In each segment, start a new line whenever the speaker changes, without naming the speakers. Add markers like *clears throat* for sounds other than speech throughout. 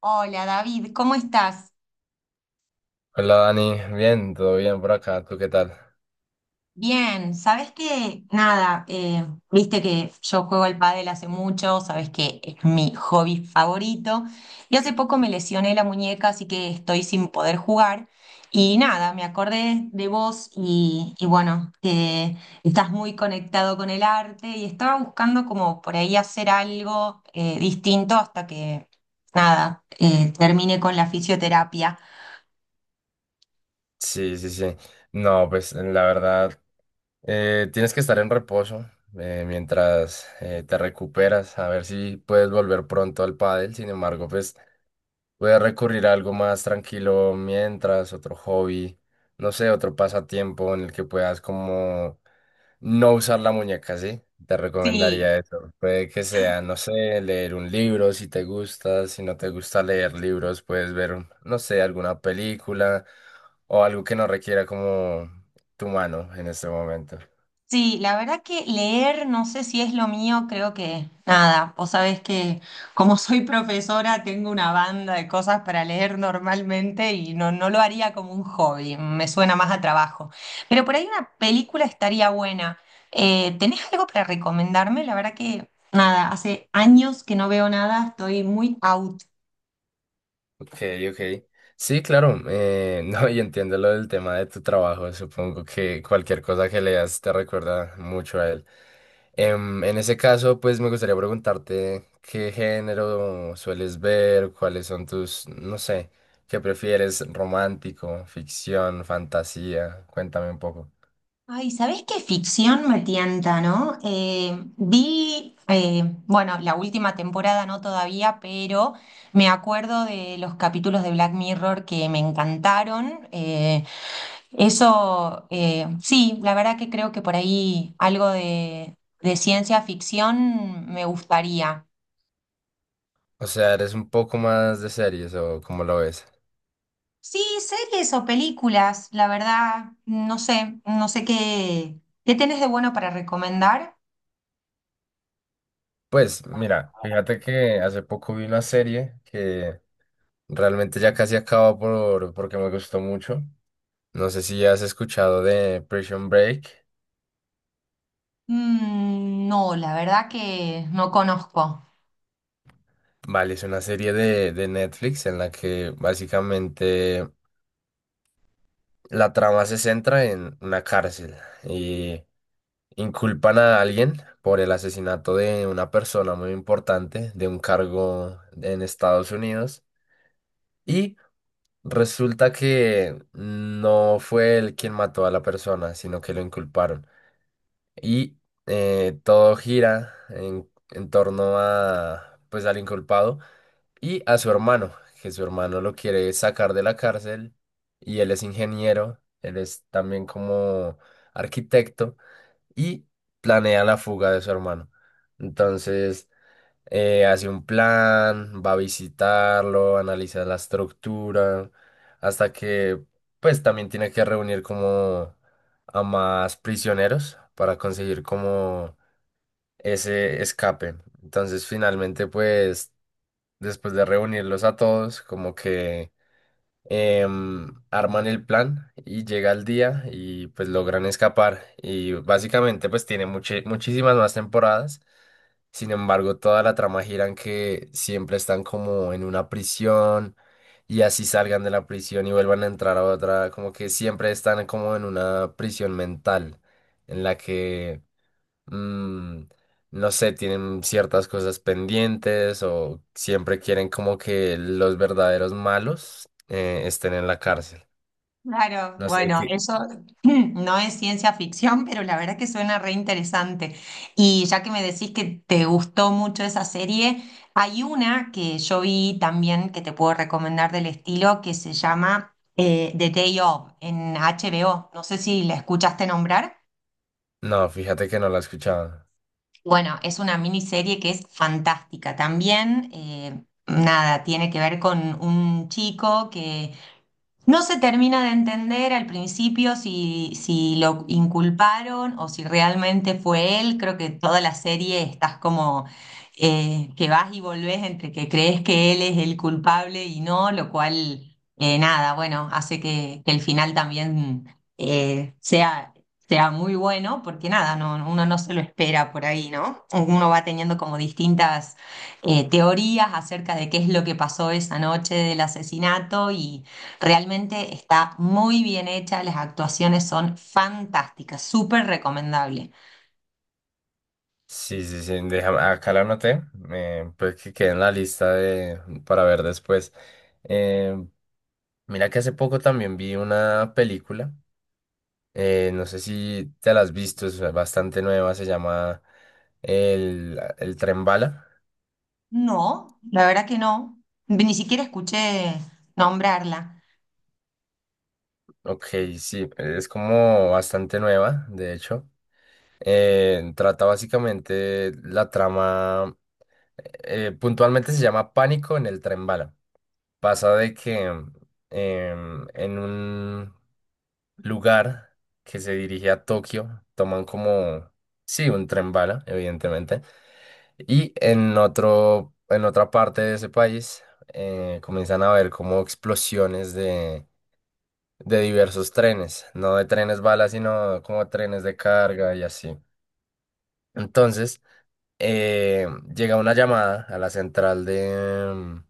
Hola David, ¿cómo estás?
Hola Dani, bien, todo bien por acá, ¿tú qué tal?
Bien, ¿sabes que? Nada, viste que yo juego al pádel hace mucho, sabes que es mi hobby favorito y hace poco me lesioné la muñeca, así que estoy sin poder jugar y nada, me acordé de vos y bueno, que estás muy conectado con el arte y estaba buscando como por ahí hacer algo distinto hasta que, nada, termine con la fisioterapia.
Sí, sí, sí. No, pues la verdad, tienes que estar en reposo mientras te recuperas, a ver si puedes volver pronto al pádel. Sin embargo, pues voy a recurrir a algo más tranquilo mientras, otro hobby, no sé, otro pasatiempo en el que puedas como no usar la muñeca, ¿sí? Te
Sí.
recomendaría eso. Puede que sea, no sé, leer un libro si te gusta, si no te gusta leer libros, puedes ver, no sé, alguna película o algo que no requiera como tu mano en este momento.
Sí, la verdad que leer, no sé si es lo mío, creo que nada. Vos sabés que como soy profesora tengo una banda de cosas para leer normalmente y no lo haría como un hobby, me suena más a trabajo. Pero por ahí una película estaría buena. ¿Tenés algo para recomendarme? La verdad que nada, hace años que no veo nada, estoy muy out.
Ok, ok. Sí, claro. *laughs* No, y entiendo lo del tema de tu trabajo. Supongo que cualquier cosa que leas te recuerda mucho a él. En ese caso, pues me gustaría preguntarte qué género sueles ver, cuáles son tus, no sé, qué prefieres, romántico, ficción, fantasía. Cuéntame un poco.
Ay, ¿sabés qué? Ficción me tienta, ¿no? Bueno, la última temporada no todavía, pero me acuerdo de los capítulos de Black Mirror que me encantaron. Sí, la verdad que creo que por ahí algo de ciencia ficción me gustaría.
O sea, ¿eres un poco más de series o cómo lo ves?
Sí, series o películas, la verdad, no sé, no sé qué, qué tenés de bueno para recomendar.
Pues mira, fíjate que hace poco vi una serie que... realmente ya casi acabo porque me gustó mucho. No sé si has escuchado de Prison Break.
Mm, no, la verdad que no conozco.
Vale, es una serie de Netflix en la que básicamente la trama se centra en una cárcel y inculpan a alguien por el asesinato de una persona muy importante de un cargo en Estados Unidos y resulta que no fue él quien mató a la persona, sino que lo inculparon. Y todo gira en torno a, pues, al inculpado y a su hermano, que su hermano lo quiere sacar de la cárcel, y él es ingeniero, él es también como arquitecto y planea la fuga de su hermano. Entonces, hace un plan, va a visitarlo, analiza la estructura, hasta que pues también tiene que reunir como a más prisioneros para conseguir como ese escape. Entonces finalmente pues después de reunirlos a todos como que arman el plan y llega el día y pues logran escapar y básicamente pues tiene muchísimas más temporadas. Sin embargo, toda la trama gira en que siempre están como en una prisión y así salgan de la prisión y vuelvan a entrar a otra, como que siempre están como en una prisión mental en la que, mm, no sé, tienen ciertas cosas pendientes o siempre quieren como que los verdaderos malos estén en la cárcel.
Claro,
No sé
bueno,
qué.
eso *laughs* *clears throat* no es ciencia ficción, pero la verdad que suena re interesante. Y ya que me decís que te gustó mucho esa serie, hay una que yo vi también que te puedo recomendar del estilo, que se llama The Day Of, en HBO. No sé si la escuchaste nombrar.
No, fíjate que no la he escuchado.
Bueno, es una miniserie que es fantástica también. Nada, tiene que ver con un chico que no se termina de entender al principio si, si lo inculparon o si realmente fue él. Creo que toda la serie estás como que vas y volvés entre que crees que él es el culpable y no, lo cual, nada, bueno, hace que el final también eh, sea, sea muy bueno, porque nada, no, uno no se lo espera por ahí, ¿no? Uno va teniendo como distintas teorías acerca de qué es lo que pasó esa noche del asesinato y... Realmente está muy bien hecha, las actuaciones son fantásticas, súper recomendable.
Sí, sí, sí, déjame, acá la anoté, pues que quede en la lista de, para ver después. Eh, mira que hace poco también vi una película, no sé si te la has visto, es bastante nueva, se llama el Tren Bala.
No, la verdad que no, ni siquiera escuché nombrarla.
Ok, sí, es como bastante nueva, de hecho. Trata básicamente la trama, puntualmente se llama Pánico en el Tren Bala. Pasa de que en un lugar que se dirige a Tokio toman como, sí, un tren bala, evidentemente, y en otra parte de ese país comienzan a ver como explosiones de diversos trenes, no de trenes bala, sino como trenes de carga y así. Entonces, eh, llega una llamada a la central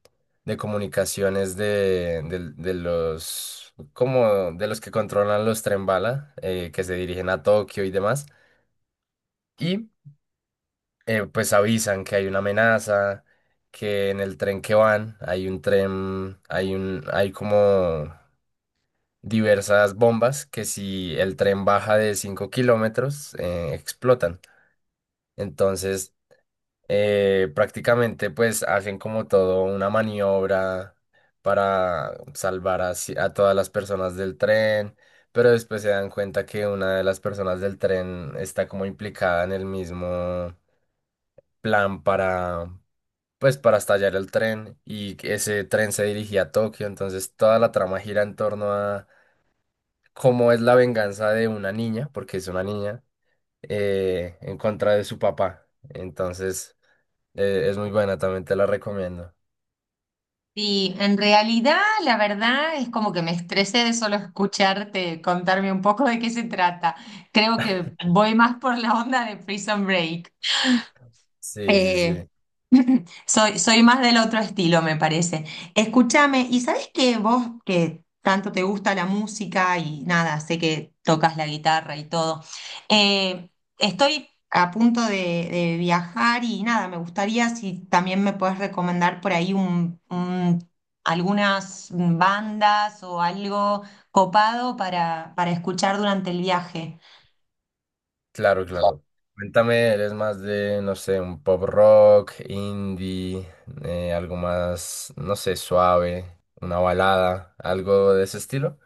de comunicaciones de, del- de los como de los que controlan los tren bala que se dirigen a Tokio y demás, y pues avisan que hay una amenaza, que en el tren que van hay un tren hay un hay como diversas bombas que si el tren baja de 5 kilómetros explotan. Entonces prácticamente pues hacen como todo una maniobra para salvar a, a todas las personas del tren, pero después se dan cuenta que una de las personas del tren está como implicada en el mismo plan para pues para estallar el tren y que ese tren se dirigía a Tokio, entonces toda la trama gira en torno a cómo es la venganza de una niña, porque es una niña, en contra de su papá. Entonces... eh, es muy buena, también te la recomiendo.
Y en realidad, la verdad es como que me estresé de solo escucharte contarme un poco de qué se trata. Creo que voy más por la onda de Prison Break.
Sí, sí,
Eh,
sí.
*laughs* soy más del otro estilo, me parece. Escúchame, ¿y sabes que vos que tanto te gusta la música y nada, sé que tocas la guitarra y todo? eh, Estoy a punto de viajar y nada, me gustaría si también me puedes recomendar por ahí algunas bandas o algo copado para escuchar durante el viaje.
Claro, claro. Cuéntame, ¿eres más de, no sé, un pop rock, indie, algo más, no sé, suave, una balada, algo de ese estilo?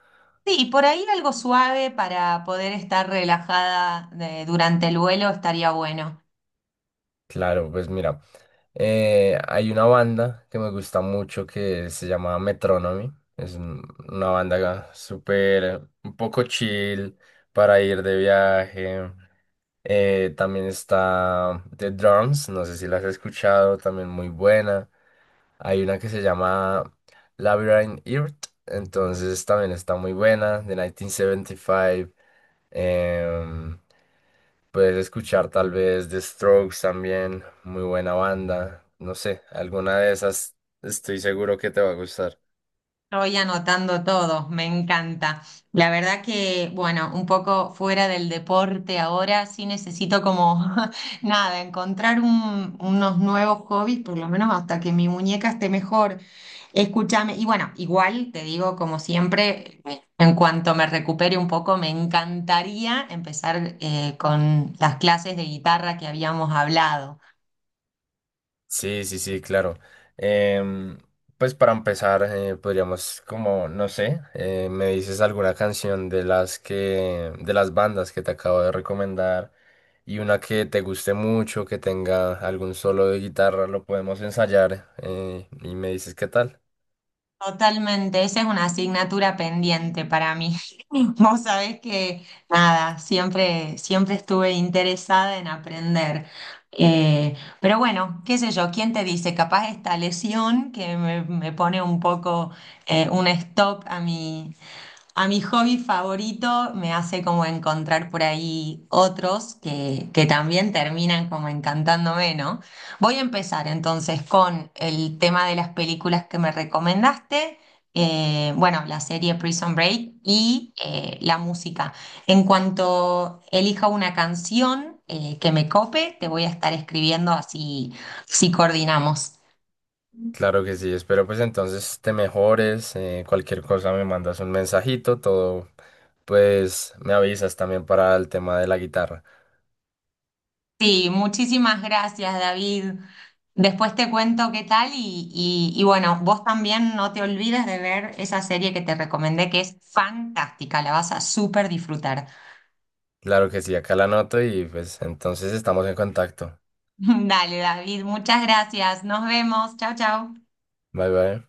Sí, por ahí algo suave para poder estar relajada de- durante el vuelo estaría bueno.
Claro, pues mira, hay una banda que me gusta mucho que se llama Metronomy. Es un- una banda súper, un poco chill para ir de viaje. También está The Drums, no sé si la has escuchado, también muy buena. Hay una que se llama Labyrinth Earth, entonces también está muy buena, de 1975. Em, Puedes escuchar tal vez The Strokes también, muy buena banda. No sé, alguna de esas estoy seguro que te va a gustar.
Estoy anotando todo, me encanta. La verdad que, bueno, un poco fuera del deporte ahora, sí necesito como, *laughs* nada, encontrar unos nuevos hobbies, por lo menos hasta que mi muñeca esté mejor. Escúchame, y bueno, igual te digo, como siempre, en cuanto me recupere un poco, me encantaría empezar con las clases de guitarra que habíamos hablado.
Sí, sí, sí, claro. Em, pues para empezar, podríamos como, no sé, me dices alguna canción de las bandas que te acabo de recomendar y una que te guste mucho, que tenga algún solo de guitarra, lo podemos ensayar, y me dices qué tal.
Totalmente, esa es una asignatura pendiente para mí. *laughs* Vos sabés que, nada, siempre, siempre estuve interesada en aprender. Pero bueno, qué sé yo, ¿quién te dice? Capaz esta lesión que me pone un poco un stop a a mi hobby favorito me hace como encontrar por ahí otros que también terminan como encantándome, ¿no? Voy a empezar entonces con el tema de las películas que me recomendaste, bueno, la serie Prison Break y la música. En cuanto elija una canción que me cope, te voy a estar escribiendo, así, si coordinamos.
Claro que sí, espero pues entonces te mejores, cualquier cosa me mandas un mensajito, todo, pues me avisas también para el tema de la guitarra.
Sí, muchísimas gracias, David. Después te cuento qué tal y bueno, vos también no te olvides de ver esa serie que te recomendé que es fantástica, la vas a súper disfrutar.
Claro que sí, acá la anoto y pues entonces estamos en contacto.
*laughs* Dale, David, muchas gracias. Nos vemos. Chao, chao.
Bye bye.